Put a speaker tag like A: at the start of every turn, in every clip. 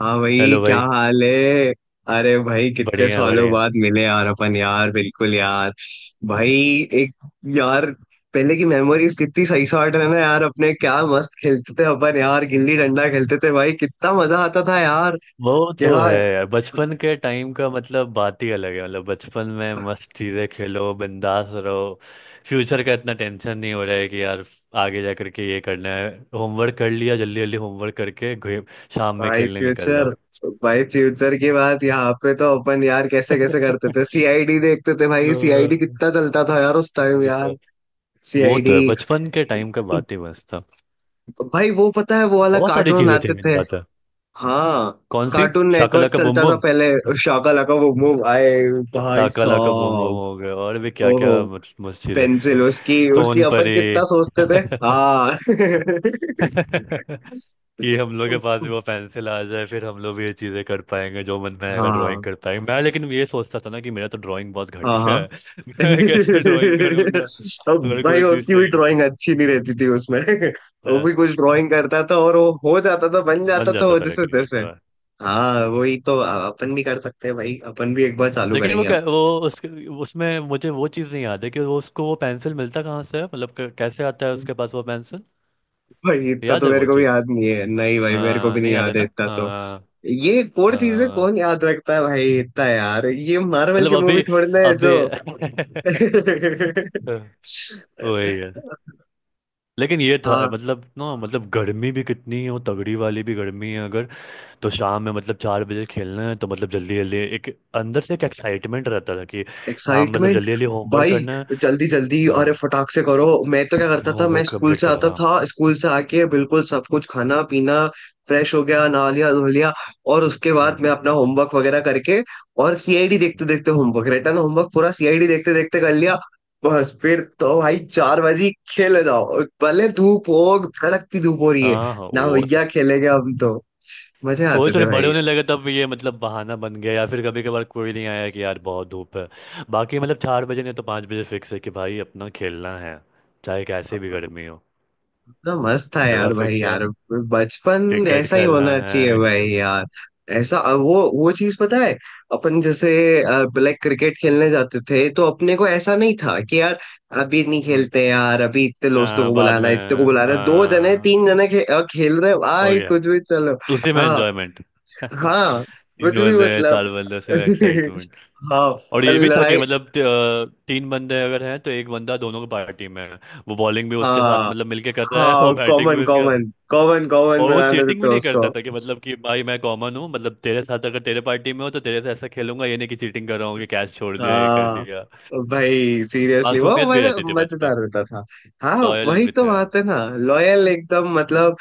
A: हाँ भाई,
B: हेलो
A: क्या
B: भाई।
A: हाल है। अरे भाई, कितने
B: बढ़िया
A: सालों
B: बढ़िया।
A: बाद मिले यार अपन, यार बिल्कुल यार। भाई। एक। यार, पहले की मेमोरीज कितनी सही साट है ना यार। अपने क्या मस्त खेलते थे अपन यार, गिल्ली डंडा खेलते थे भाई, कितना मजा आता था यार।
B: वो तो
A: क्या।
B: है यार, बचपन के टाइम का मतलब बात ही अलग है, मतलब बचपन में मस्त चीजें खेलो, बिंदास रहो। फ्यूचर का इतना टेंशन नहीं हो रहा है कि यार आगे जा करके ये करना है। होमवर्क कर लिया, जल्दी जल्दी होमवर्क करके शाम में
A: भाई
B: खेलने निकल जाओ।
A: फ्यूचर। भाई फ्यूचर की बात यहाँ पे तो, अपन यार कैसे कैसे करते थे। सीआईडी देखते थे
B: अ,
A: भाई, सीआईडी कितना चलता था यार उस टाइम
B: वही तो।
A: यार।
B: वो तो
A: सीआईडी।
B: है, बचपन के टाइम का बात ही मस्त था।
A: भाई वो पता है, वो वाला
B: बहुत सारी
A: कार्टून
B: चीजें थी,
A: आते
B: मेन
A: थे।
B: बात है।
A: हाँ,
B: कौन सी।
A: कार्टून
B: शाकला
A: नेटवर्क
B: का बम
A: चलता था
B: बम।
A: पहले। शाका लाका वो मूव आए, भाई
B: लाका लाका बम बम
A: साहब।
B: हो गए, और भी क्या क्या।
A: ओहो।
B: मस्जिद है।
A: पेंसिल, उसकी उसकी
B: सोन
A: अपन
B: परी।
A: कितना सोचते थे। हाँ।
B: कि हम लोग के पास भी वो पेंसिल आ जाए, फिर हम लोग भी ये चीज़ें कर पाएंगे, जो मन में आएगा ड्राइंग
A: हाँ
B: कर पाएंगे। मैं लेकिन ये सोचता था ना कि मेरा तो ड्राइंग बहुत
A: हाँ।
B: घटिया
A: हाँ
B: है। मैं कैसे ड्राइंग करूंगा।
A: अब
B: अगर
A: भाई
B: कोई चीज़
A: उसकी भी
B: चाहिए
A: ड्राइंग अच्छी नहीं रहती थी उसमें।
B: तो
A: वो
B: है।
A: भी कुछ ड्राइंग करता था, और वो हो जाता था, बन
B: बन
A: जाता था
B: जाता
A: वो
B: था,
A: जैसे
B: लेकिन ये
A: तैसे।
B: तो है।
A: हाँ, वही तो अपन भी कर सकते हैं भाई, अपन भी एक बार चालू
B: लेकिन वो
A: करेंगे।
B: वो उसके, उसमें मुझे वो चीज़ नहीं याद है कि वो उसको वो पेंसिल मिलता कहाँ से है, मतलब कैसे आता है
A: अब
B: उसके पास वो पेंसिल।
A: भाई इतना
B: याद
A: तो
B: है
A: मेरे
B: वो।
A: को भी याद नहीं है, नहीं भाई मेरे को भी नहीं
B: नहीं आता
A: याद है
B: ना
A: इतना तो।
B: आ,
A: ये कोर चीजें
B: आ,
A: कौन याद रखता है भाई इतना यार, ये मार्वल
B: मतलब
A: की मूवी
B: अभी
A: थोड़ी ना है
B: अभी
A: जो।
B: वही है। लेकिन ये था,
A: हाँ।
B: मतलब ना, मतलब गर्मी भी कितनी है, वो तगड़ी वाली भी गर्मी है, अगर तो शाम में मतलब 4 बजे खेलना है तो मतलब जल्दी जल्दी एक अंदर से एक एक्साइटमेंट रहता था कि शाम मतलब
A: एक्साइटमेंट।
B: जल्दी जल्दी होमवर्क
A: भाई।
B: करना है।
A: जल्दी जल्दी, अरे
B: हाँ,
A: फटाक से करो। मैं तो क्या करता था, मैं
B: होमवर्क
A: स्कूल
B: कंप्लीट
A: से
B: करो,
A: आता
B: हाँ।
A: था, स्कूल से आके
B: हम्म,
A: बिल्कुल सब कुछ खाना पीना, फ्रेश हो गया, नहा लिया धो लिया, और उसके बाद मैं अपना होमवर्क वगैरह करके, और सीआईडी देखते देखते होमवर्क, रिटर्न होमवर्क पूरा सीआईडी देखते देखते कर लिया। बस फिर तो भाई 4 बजे खेले जाओ, भले धूप हो, कड़कती धूप हो रही
B: हाँ
A: है,
B: हाँ हाँ,
A: ना
B: वो
A: भैया खेलेंगे हम तो। मजे
B: थोड़े
A: आते थे
B: थोड़े बड़े
A: भाई।
B: होने लगे तब ये मतलब बहाना बन गया, या फिर कभी कभार कोई नहीं आया कि यार बहुत धूप है। बाकी मतलब 4 बजे नहीं तो 5 बजे फिक्स है कि भाई अपना खेलना है, चाहे कैसे भी गर्मी हो,
A: इतना मस्त था
B: जगह
A: यार भाई
B: फिक्स है।
A: यार, बचपन
B: क्रिकेट
A: ऐसा ही
B: खेलना
A: होना चाहिए
B: है,
A: भाई यार। ऐसा वो चीज पता है अपन जैसे, ब्लैक क्रिकेट खेलने जाते थे तो अपने को ऐसा नहीं था कि यार अभी नहीं
B: है।
A: खेलते यार, अभी इतने दोस्तों
B: हाँ
A: को
B: बाद
A: बुलाना
B: में,
A: है, इतने को बुलाना है, दो जने
B: हाँ
A: तीन जने खेल रहे हैं,
B: हो
A: भाई
B: गया,
A: कुछ भी चलो।
B: उसी में
A: हाँ
B: एंजॉयमेंट।
A: हाँ,
B: तीन
A: कुछ भी
B: बंदे हैं, चार
A: मतलब।
B: बंदे, उसी में एक्साइटमेंट।
A: हाँ।
B: और
A: और
B: ये भी था कि
A: लड़ाई।
B: तीन बंदे अगर हैं तो एक बंदा दोनों की पार्टी में है, वो बॉलिंग भी उसके साथ
A: हाँ
B: मतलब मिलके कर रहा है, वो
A: हाँ,
B: बैटिंग
A: कॉमन
B: भी उसके।
A: कॉमन, कॉमन कॉमन
B: और वो
A: बना देते
B: चीटिंग
A: थे
B: भी नहीं
A: उसको।
B: करता था, कि मतलब कि भाई मैं कॉमन हूँ, मतलब तेरे साथ अगर तेरे पार्टी में हो तो तेरे से ऐसा खेलूंगा, ये नहीं कि चीटिंग कर रहा हूँ कि कैश छोड़ दिया ये कर
A: हाँ
B: दिया।
A: भाई सीरियसली वो
B: मासूमियत भी
A: मजा,
B: रहती थी बचपन
A: मजेदार
B: में।
A: होता था। हाँ
B: लॉयल
A: वही
B: भी
A: तो
B: थे।
A: बात है ना, लॉयल एकदम मतलब,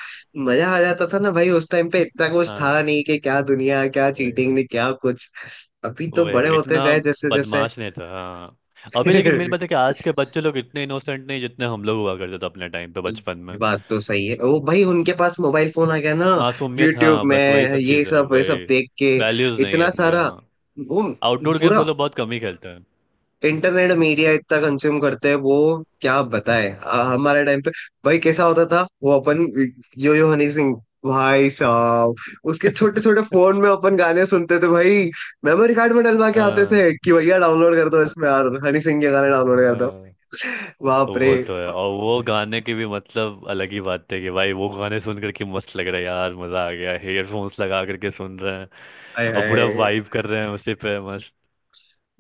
A: मजा आ जाता था ना भाई उस टाइम पे, इतना कुछ
B: हाँ
A: था नहीं कि क्या दुनिया, क्या चीटिंग
B: वही,
A: नहीं, क्या कुछ। अभी तो
B: वही
A: बड़े
B: वही
A: होते
B: इतना
A: गए जैसे जैसे।
B: बदमाश नहीं था। हाँ अभी, लेकिन मेरी बात है कि आज के बच्चे लोग इतने इनोसेंट नहीं जितने हम लोग हुआ करते थे अपने टाइम पे बचपन
A: ये
B: में।
A: बात तो सही है, वो भाई उनके पास मोबाइल फोन आ गया ना,
B: मासूमियत,
A: यूट्यूब
B: हाँ,
A: में
B: बस वही सब
A: ये
B: चीज़ है,
A: सब ये सब
B: वही
A: देख के
B: वैल्यूज नहीं है
A: इतना
B: इसलिए।
A: सारा
B: हाँ,
A: वो,
B: आउटडोर गेम्स
A: पूरा
B: हम लोग बहुत कम ही खेलते हैं।
A: इंटरनेट मीडिया इतना कंज्यूम करते हैं वो। क्या बताए हमारे टाइम पे भाई कैसा होता था वो अपन। यो यो हनी सिंह, भाई साहब। उसके छोटे छोटे फोन में अपन गाने सुनते थे भाई, मेमोरी कार्ड में डलवा के आते
B: हाँ
A: थे कि भैया डाउनलोड कर दो इसमें, यार हनी सिंह के गाने डाउनलोड कर दो।
B: हाँ। तो
A: बाप रे।
B: वो तो है, और वो गाने की भी मतलब अलग ही बात है कि भाई वो गाने सुन करके मस्त लग रहा है यार, मजा आ गया, हेडफोन्स लगा करके सुन रहे हैं
A: हाय
B: और पूरा
A: हाय।
B: वाइब कर रहे हैं उसी पे मस्त।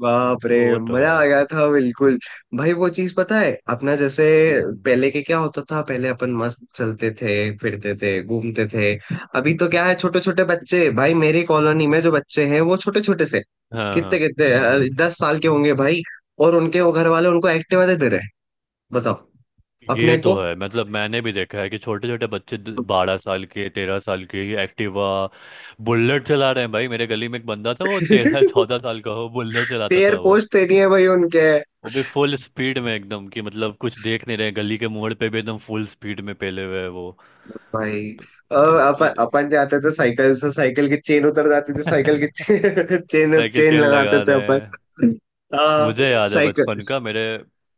A: बाप
B: तो
A: रे,
B: वो तो है
A: मजा आ
B: यार।
A: गया था बिल्कुल। भाई वो चीज पता है अपना जैसे,
B: हम्म।
A: पहले के क्या होता था, पहले अपन मस्त चलते थे, फिरते थे, घूमते थे। अभी तो क्या है, छोटे छोटे बच्चे भाई, मेरी कॉलोनी में जो बच्चे हैं वो छोटे छोटे से,
B: हाँ हाँ।
A: कितने कितने
B: हम्म हम्म।
A: 10 साल के होंगे भाई, और उनके वो घर वाले उनको एक्टिवा दे दे रहे हैं। बताओ।
B: ये
A: अपने
B: तो
A: को।
B: है, मतलब मैंने भी देखा है कि छोटे छोटे बच्चे 12 साल के 13 साल के ही एक्टिवा बुलेट चला रहे हैं। भाई मेरे गली में एक बंदा था, वो तेरह चौदह साल का हो बुलेट चलाता
A: पैर
B: था।
A: पोछते नहीं है भाई उनके।
B: वो भी फुल स्पीड में एकदम, कि मतलब कुछ देख नहीं रहे, गली के मोड़ पे भी एकदम फुल स्पीड में पेले हुए है वो।
A: भाई,
B: तो ये
A: और
B: सब
A: अपन
B: चीज
A: अपन जाते थे साइकिल से, साइकिल की चेन उतर जाती थी,
B: है।
A: साइकिल की chain, chain
B: cycle
A: chain
B: chain
A: लगाते
B: लगा
A: थे
B: रहे
A: अपन।
B: हैं।
A: आ,
B: मुझे याद है
A: साइकिल।
B: बचपन का, मेरे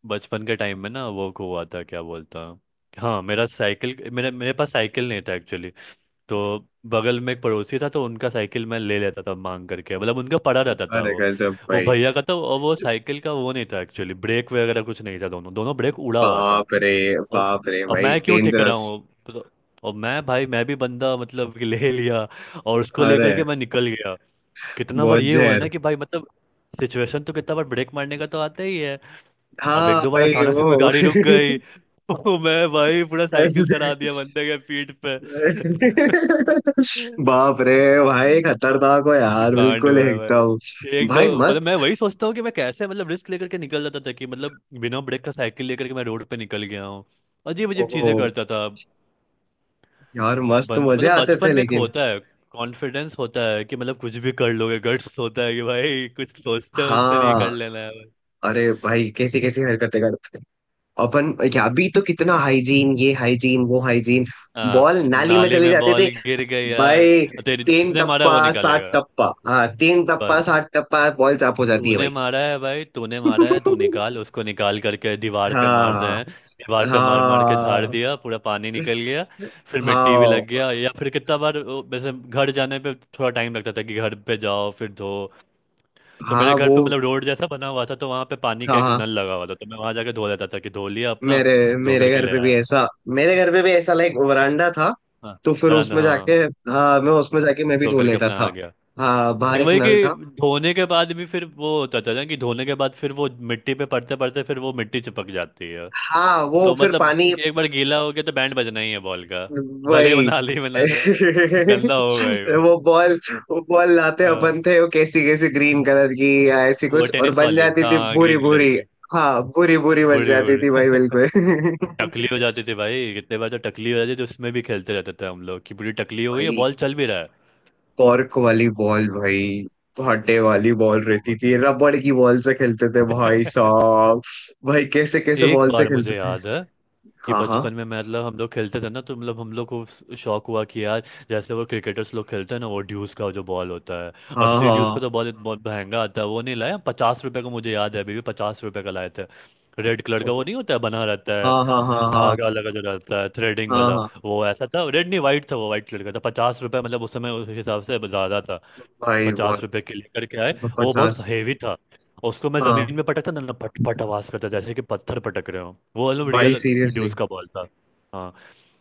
B: बचपन के टाइम में ना वो हुआ था, क्या बोलता हूँ, हाँ, मेरा साइकिल मेरे मेरे पास साइकिल नहीं था एक्चुअली। तो बगल में एक पड़ोसी था तो उनका साइकिल मैं ले लेता था मांग करके, मतलब उनका पड़ा रहता था,
A: अरे गजब
B: वो
A: भाई।
B: भैया का था। और वो साइकिल का वो नहीं था एक्चुअली, ब्रेक वगैरह कुछ नहीं था, दोनों दोनों ब्रेक उड़ा हुआ था।
A: बाप रे।
B: अब
A: बाप रे
B: अब
A: भाई,
B: मैं क्यों टिक रहा
A: डेंजरस।
B: हूँ पता- और मैं, भाई मैं भी बंदा मतलब कि ले लिया, और उसको
A: अरे
B: लेकर के मैं निकल गया। कितना बार
A: बहुत
B: ये हुआ है ना
A: जहर।
B: कि भाई मतलब सिचुएशन तो, कितना बार ब्रेक मारने का तो आता ही है। अब एक
A: हाँ
B: दो बार
A: भाई
B: अचानक से कोई
A: वो।
B: गाड़ी रुक गई तो मैं, भाई, पूरा साइकिल चला दिया बंदे के पीठ पे।
A: बाप रे, भाई खतरनाक हो यार,
B: कांड
A: बिल्कुल
B: हुआ है भाई
A: एकदम
B: एक दो,
A: भाई
B: मतलब
A: मस्त।
B: मैं वही सोचता हूँ कि मैं कैसे मतलब रिस्क लेकर के निकल जाता था, कि मतलब बिना ब्रेक का साइकिल लेकर के मैं रोड पे निकल गया हूँ। अजीब अजीब
A: ओहो।
B: चीजें करता था।
A: यार मस्त मजे
B: मतलब
A: आते थे
B: बचपन में एक
A: लेकिन।
B: होता है कॉन्फिडेंस, होता है कि मतलब कुछ भी कर लोगे, गट्स होता है कि भाई कुछ सोचते सोचते नहीं, कर
A: हाँ।
B: लेना है भाई।
A: अरे भाई कैसी कैसी हरकतें करते हैं अपन क्या, अभी तो कितना हाइजीन, ये हाइजीन वो हाइजीन,
B: हाँ,
A: बॉल नाली में
B: नाली
A: चले
B: में
A: जाते थे
B: बॉल गिर गई यार,
A: भाई।
B: तेरे
A: तीन
B: जितने मारा है वो
A: टप्पा सात
B: निकालेगा।
A: टप्पा हाँ 3 टप्पा
B: बस
A: 7 टप्पा बॉल चाप हो जाती है
B: तूने
A: भाई।
B: मारा है भाई, तूने मारा है, तू निकाल, उसको निकाल करके दीवार पे मार रहे
A: हाँ
B: हैं। दीवार पे मार मार के झाड़
A: हाँ
B: दिया, पूरा पानी निकल गया। फिर मिट्टी भी
A: हाँ
B: लग गया, या फिर कितना बार वो वैसे घर जाने पे थोड़ा टाइम लगता था कि घर पे जाओ फिर धो। तो मेरे
A: हाँ।
B: घर
A: वो।
B: पे मतलब रोड जैसा बना हुआ था, तो वहां पे पानी का
A: हाँ
B: एक
A: हाँ,
B: नल लगा हुआ था, तो मैं वहां जाके धो लेता था, कि धो लिया अपना,
A: मेरे
B: धो
A: मेरे
B: करके
A: घर
B: ले
A: पे भी
B: आया।
A: ऐसा, मेरे घर पे भी ऐसा लाइक वरांडा था,
B: हाँ,
A: तो फिर
B: बरामदा,
A: उसमें जाके,
B: हाँ,
A: हाँ मैं उसमें जाके मैं भी
B: धो
A: धो
B: करके
A: लेता
B: अपना
A: था।
B: आ गया।
A: हाँ, बाहर
B: लेकिन
A: एक
B: वही
A: नल
B: कि
A: था।
B: धोने के बाद भी फिर वो होता था ना कि धोने के बाद फिर वो मिट्टी पे पड़ते पड़ते फिर वो मिट्टी चिपक जाती है।
A: हाँ वो
B: तो
A: फिर
B: मतलब
A: पानी।
B: एक बार गीला हो गया तो बैंड बजना ही है बॉल का, भले वो
A: वही।
B: नाली में ना जाए, गंदा हो गई वो।
A: वो बॉल वो बॉल लाते अपन
B: हाँ,
A: थे वो, कैसी कैसी ग्रीन कलर की, या ऐसी
B: वो
A: कुछ और
B: टेनिस
A: बन
B: वाली,
A: जाती थी
B: हाँ
A: भूरी
B: ग्रीन कलर
A: भूरी।
B: की।
A: हाँ, भूरी भूरी बन
B: बूढ़ी
A: जाती
B: बूढ़ी
A: थी भाई बिल्कुल।
B: टकली हो जाती थी भाई, कितने बार तो टकली हो जाती थी, तो उसमें भी खेलते रहते थे हम लोग, कि पूरी टकली हो गई है
A: भाई
B: बॉल, चल भी रहा है।
A: कॉर्क वाली बॉल भाई, भाटे वाली बॉल
B: वो
A: रहती थी, रबड़ की बॉल से खेलते थे भाई साहब। भाई कैसे कैसे
B: एक
A: बॉल से
B: बार
A: खेलते
B: मुझे
A: थे।
B: याद है, कि
A: हाँ हाँ
B: बचपन में मैं मतलब हम लोग खेलते थे ना, तो मतलब हम लोग को स- शौक हुआ कि यार, जैसे वो क्रिकेटर्स लोग खेलते हैं ना, वो ड्यूस का जो बॉल होता है,
A: हाँ
B: असली ड्यूस का
A: हाँ।
B: तो बॉल बहुत महंगा आता है, वो नहीं लाया। ₹50 का, मुझे याद है अभी भी, ₹50 का लाए थे। रेड कलर का वो
A: ओहो,
B: नहीं होता है बना रहता है,
A: हाँ हाँ हाँ हाँ।
B: धागा लगा जो रहता है, थ्रेडिंग
A: हाँ
B: वाला।
A: हाँ।
B: वो ऐसा था, रेड नहीं वाइट था, वो वाइट कलर का था, ₹50 मतलब उस समय उस हिसाब से ज़्यादा था।
A: भाई
B: पचास
A: बहुत।
B: रुपए के लेकर के आए, वो
A: 50।
B: बहुत हेवी था, उसको मैं
A: हाँ
B: जमीन में पटकता ना, ना पट पट आवाज करता जैसे कि पत्थर पटक रहे हो, वो मतलब
A: भाई
B: रियल
A: सीरियसली।
B: ड्यूस का बॉल था। हाँ,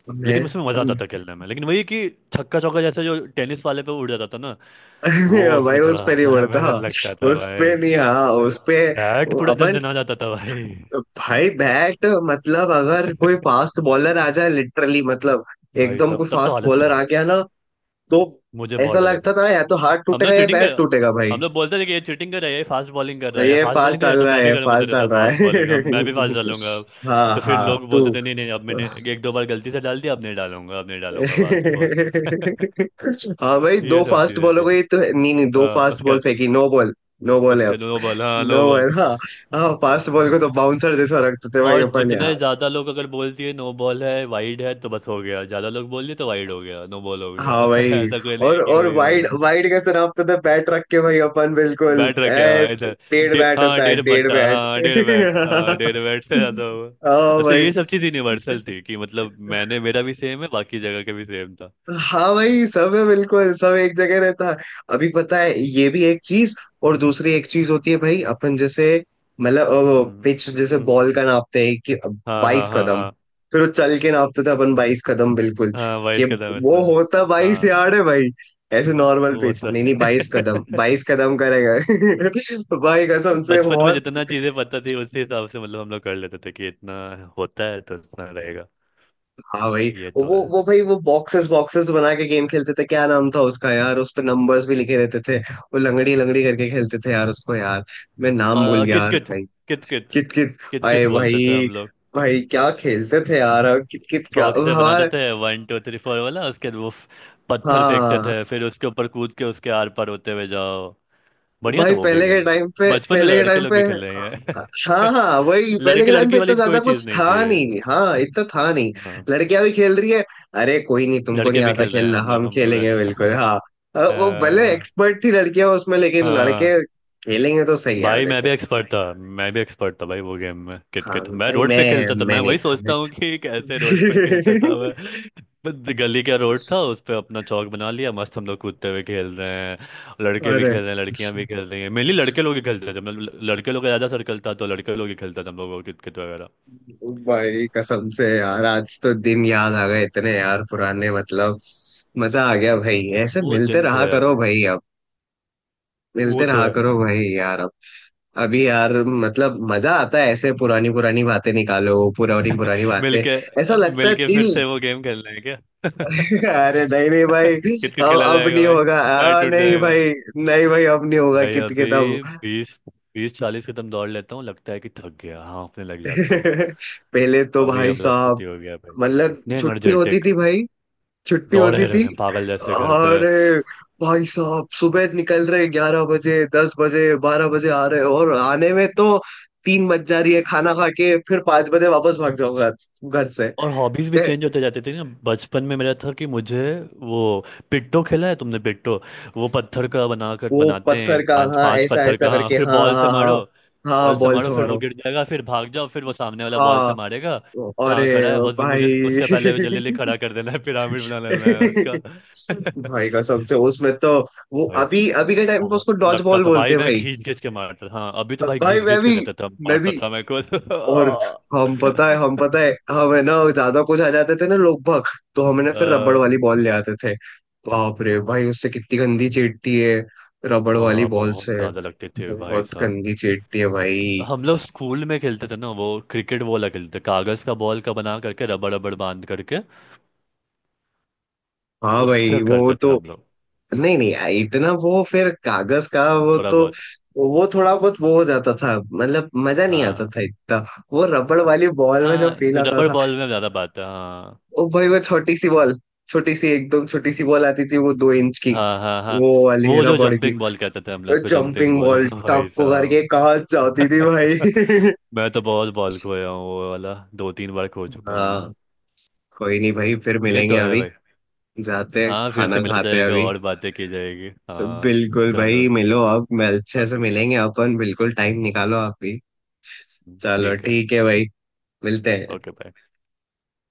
A: मैं।
B: लेकिन उसमें मजा आता था खेलने में, लेकिन वही कि छक्का चौका जैसे जो टेनिस वाले पे उड़ जाता था ना, वो
A: भाई
B: उसमें
A: उस
B: थोड़ा
A: पे नहीं उड़ता,
B: मेहनत लगता था
A: उस पे
B: भाई,
A: नहीं हाँ, उस पे।
B: बैट पूरा
A: अपन।
B: झंझना जाता था भाई।
A: भाई बैट। मतलब अगर कोई फास्ट बॉलर आ जाए लिटरली, मतलब
B: भाई
A: एकदम
B: साहब,
A: कोई
B: तब तो
A: फास्ट
B: हालत
A: बॉलर आ
B: खराब,
A: गया ना, तो
B: मुझे
A: ऐसा
B: बहुत डर।
A: लगता था या तो हाथ
B: हम लोग
A: टूटेगा या
B: चीटिंग
A: बैट
B: कर
A: टूटेगा भाई।
B: हम लोग बोलते थे कि ये चीटिंग कर रहा है, ये फास्ट बॉलिंग कर रहा है,
A: ये
B: फास्ट
A: फास्ट
B: बॉलिंग कर रहा है,
A: डाल
B: तो
A: रहा
B: मैं भी
A: है,
B: करूंगा
A: फास्ट
B: तेरे
A: डाल
B: साथ
A: रहा
B: फास्ट
A: है,
B: बॉलिंग, अब मैं भी फास्ट डालूंगा अब।
A: हाँ
B: तो फिर
A: हाँ
B: लोग
A: तू।
B: बोलते थे नहीं नहीं, अब मैंने एक दो बार गलती से डाल दिया, अब नहीं डालूंगा, अब नहीं डालूंगा फास्ट बॉल।
A: हाँ भाई,
B: ये
A: दो
B: सब
A: फास्ट
B: चीजें
A: बॉलों
B: थी।
A: को, ये तो है नहीं, नहीं दो
B: हाँ
A: फास्ट
B: उसके,
A: बॉल फेंकी नो बॉल। नो बॉल है
B: उसके
A: अब।
B: नो बॉल, हाँ नो
A: नो
B: बॉल।
A: बॉल, हाँ, हाँ, फास्ट बॉल को तो बाउंसर जैसा रखते थे भाई
B: और
A: अपन यार।
B: जितने ज्यादा लोग अगर बोल दिए नो बॉल है वाइड है, तो बस हो गया, ज्यादा लोग बोल दिए तो वाइड हो गया, नो बॉल हो गया।
A: हाँ भाई,
B: ऐसा कोई नहीं
A: और
B: है कि
A: और
B: वही
A: वाइड
B: होगा।
A: वाइड कैसे नापते थे, बैट रख के भाई अपन बिल्कुल।
B: बैट रखे
A: ए,
B: हाँ इधर,
A: डेढ़ बैट
B: हाँ
A: होता है,
B: डेढ़
A: डेढ़
B: बट्टा,
A: बैट।
B: हाँ डेढ़ बैट, हाँ डेढ़ बैट से ज्यादा हुआ।
A: हाँ
B: अच्छा,
A: भाई।
B: ये सब चीज यूनिवर्सल थी, कि मतलब मैंने, मेरा भी सेम है बाकी जगह का भी सेम था।
A: हाँ भाई सब है बिल्कुल, सब एक जगह रहता है। अभी पता है ये भी एक चीज, और दूसरी एक चीज होती है भाई अपन जैसे, मतलब
B: हम्म
A: पिच जैसे
B: हम्म,
A: बॉल का नापते हैं कि
B: हाँ हाँ
A: बाईस
B: हाँ
A: कदम
B: हाँ,
A: फिर वो चल के नापते थे अपन 22 कदम बिल्कुल,
B: हाँ
A: कि
B: 22 कदम
A: वो
B: इतना।
A: होता बाईस
B: हाँ
A: यार्ड है भाई। ऐसे नॉर्मल
B: वो
A: पिच
B: तो
A: नहीं नहीं, बाईस कदम 22 कदम करेगा। भाई कसम से
B: बचपन में
A: बहुत।
B: जितना चीजें पता थी उसी हिसाब से मतलब हम लोग कर लेते थे, कि इतना होता है तो इतना रहेगा।
A: हाँ भाई
B: ये
A: वो।
B: तो है।
A: वो भाई वो बॉक्सेस बॉक्सेस बना के गेम खेलते थे, क्या नाम था उसका यार, उस पे नंबर्स भी लिखे रहते थे, वो लंगड़ी लंगड़ी करके खेलते थे यार उसको, यार मैं नाम भूल गया
B: कित
A: यार
B: कित,
A: भाई।
B: कित कित,
A: कित कित।
B: कित कित
A: आए
B: बोलते थे
A: भाई।
B: हम लोग।
A: भाई क्या खेलते थे यार, और कित कित का
B: चौक से बनाते
A: हमारा।
B: थे, 1 2 3 4 वाला, उसके पत्थर फेंकते
A: हाँ
B: थे, फिर उसके ऊपर कूद के उसके आर पार होते हुए जाओ। बढ़िया था
A: भाई,
B: वो भी
A: पहले के
B: गेम।
A: टाइम पे,
B: बचपन में
A: पहले के
B: लड़के
A: टाइम
B: लोग
A: पे।
B: भी खेल रहे हैं,
A: हाँ हाँ, वही पहले
B: लड़के
A: के टाइम पे
B: लड़की
A: इतना
B: वाली
A: ज्यादा
B: कोई चीज
A: कुछ
B: नहीं
A: था
B: थी।
A: नहीं, हाँ इतना था नहीं।
B: हाँ,
A: लड़कियां भी खेल रही है। अरे कोई नहीं, तुमको
B: लड़के
A: नहीं
B: भी
A: आता
B: खेल रहे हैं
A: खेलना,
B: हम लोग,
A: हम
B: हमको भी
A: खेलेंगे बिल्कुल
B: आता।
A: हाँ। वो भले
B: अ,
A: एक्सपर्ट थी लड़कियां उसमें, लेकिन
B: हाँ
A: लड़के खेलेंगे तो सही है
B: भाई, मैं भी
A: देखो।
B: एक्सपर्ट था, मैं भी एक्सपर्ट था भाई वो गेम में,
A: हाँ
B: किट मैं
A: भाई
B: रोड
A: मैं।
B: पे खेलता था,
A: मैं
B: मैं
A: नहीं
B: वही
A: था मैं।
B: सोचता हूँ कि कैसे रोड पे खेलता था मैं। बस गली का रोड था, उस पे अपना चौक बना लिया, मस्त हम लोग कूदते हुए खेल रहे हैं। लड़के भी
A: अरे
B: खेल रहे हैं, लड़कियां भी खेल रही हैं, मेनली लड़के लोग ही खेलते थे, मतलब लड़के लोग का ज़्यादा सर्कल था तो लड़के लोग ही खेलते थे हम लोग, किट किट वगैरह।
A: भाई कसम से यार, आज तो दिन याद आ गए इतने यार पुराने, मतलब मजा आ गया भाई, ऐसे
B: वो
A: मिलते
B: दिन
A: रहा
B: थे
A: करो
B: अभी,
A: भाई अब,
B: वो
A: मिलते
B: तो
A: रहा
B: है।
A: करो भाई यार अब, अभी यार मतलब मजा आता है ऐसे, पुरानी पुरानी बातें निकालो, पुरानी पुरानी बातें,
B: मिलके,
A: ऐसा लगता है
B: मिलके फिर
A: दिल।
B: से वो गेम खेलना है क्या।
A: अरे नहीं नहीं भाई,
B: कित कित
A: अब
B: खेला
A: अब
B: जाएगा
A: नहीं
B: भाई,
A: होगा,
B: पैर टूट
A: नहीं
B: जाएगा।
A: भाई। नहीं भाई अब नहीं होगा
B: भाई
A: कित के तब।
B: अभी बीस बीस चालीस कदम दौड़ लेता हूँ, लगता है कि थक गया, हाँफने लग जाता हूँ।
A: पहले तो
B: अभी ये
A: भाई
B: वाला
A: साहब,
B: स्थिति हो गया भाई, तो
A: मतलब
B: इतने
A: छुट्टी होती
B: एनर्जेटिक
A: थी भाई, छुट्टी
B: दौड़े
A: होती
B: रहे
A: थी,
B: हैं पागल जैसे घर पे।
A: और भाई साहब सुबह निकल रहे 11 बजे 10 बजे 12 बजे आ रहे, और आने में तो तीन बज जा रही है, खाना खा के फिर 5 बजे वापस भाग जाओ घर, घर से।
B: और हॉबीज भी
A: ए,
B: चेंज होते जाते थे ना, बचपन में मेरा था कि मुझे वो, पिट्टो खेला है तुमने पिट्टो, वो पत्थर का बनाकर
A: वो
B: बनाते हैं
A: पत्थर का,
B: पांच
A: हाँ,
B: पांच
A: ऐसा
B: पत्थर
A: ऐसा
B: का, हाँ
A: करके,
B: फिर
A: हाँ
B: बॉल से
A: हाँ हाँ,
B: मारो। बॉल
A: हाँ
B: से
A: बॉल्स
B: मारो, फिर वो
A: मारो।
B: गिर जाएगा, फिर भाग जाओ, फिर वो सामने वाला बॉल
A: हाँ।
B: से मारेगा
A: अरे
B: जहाँ खड़ा है, बस तुम मुझे
A: भाई,
B: उसके पहले जल्दी जल्दी खड़ा कर देना है, पिरामिड बना लेना है उसका।
A: भाई कसम से उसमें तो, वो
B: भाई
A: अभी
B: साहब,
A: अभी के टाइम पे
B: बहुत
A: उसको डॉज
B: लगता
A: बॉल
B: था
A: बोलते
B: भाई,
A: हैं
B: मैं
A: भाई।
B: घींच घींच के मारता था, हाँ अभी तो भाई
A: भाई
B: घींच
A: मैं
B: घींच के
A: भी।
B: देता था,
A: मैं भी।
B: मारता था मैं को।
A: और हम पता है, हमें ना ज्यादा कुछ आ जाते थे ना लोग भग, तो हमें ना फिर रबड़ वाली बॉल ले आते थे। बाप रे भाई, उससे कितनी गंदी चीटती है, रबड़ वाली
B: हाँ,
A: बॉल
B: बहुत
A: से
B: ज्यादा लगते थे भाई
A: बहुत
B: साहब।
A: गंदी चीटती है भाई।
B: हम लोग स्कूल में खेलते थे ना, वो क्रिकेट वो वाला खेलते थे, कागज का बॉल का बना करके, रबड़ रबड़ बांध करके,
A: हाँ भाई
B: उससे
A: वो
B: करते थे
A: तो।
B: हम लोग।
A: नहीं नहीं इतना वो, फिर कागज का वो
B: थोड़ा
A: तो,
B: बहुत।
A: वो थोड़ा बहुत वो हो जाता था, मतलब मजा नहीं आता
B: हाँ
A: था इतना, वो रबड़ वाली बॉल में जो
B: हाँ,
A: फील आता
B: रबड़
A: था।
B: बॉल में ज्यादा बात है, हाँ।
A: ओ भाई वो छोटी सी बॉल, छोटी सी एकदम छोटी सी बॉल आती थी वो, 2 इंच की,
B: हाँ हाँ हाँ।
A: वो वाली
B: वो जो
A: रबड़ की।
B: जंपिंग बॉल कहते थे हम लोग उसको, जंपिंग
A: जंपिंग
B: बॉल।
A: बॉल टप
B: भाई
A: को
B: साहब।
A: करके कहाँ जाती थी भाई।
B: मैं तो बहुत बॉल खोया हूँ, वो वाला दो तीन बार खो चुका हूँ मैं।
A: हाँ। कोई नहीं भाई, फिर
B: ये
A: मिलेंगे
B: तो है
A: अभी,
B: भाई।
A: जाते हैं,
B: हाँ, फिर से
A: खाना
B: मिला
A: खाते हैं
B: जाएगा
A: अभी,
B: और बातें की जाएगी, हाँ।
A: बिल्कुल
B: चलो,
A: भाई मिलो अब, मैं अच्छे से
B: ओके,
A: मिलेंगे अपन बिल्कुल, टाइम निकालो आप भी। चलो
B: ठीक है।
A: ठीक है भाई। मिलते हैं।
B: Okay bye.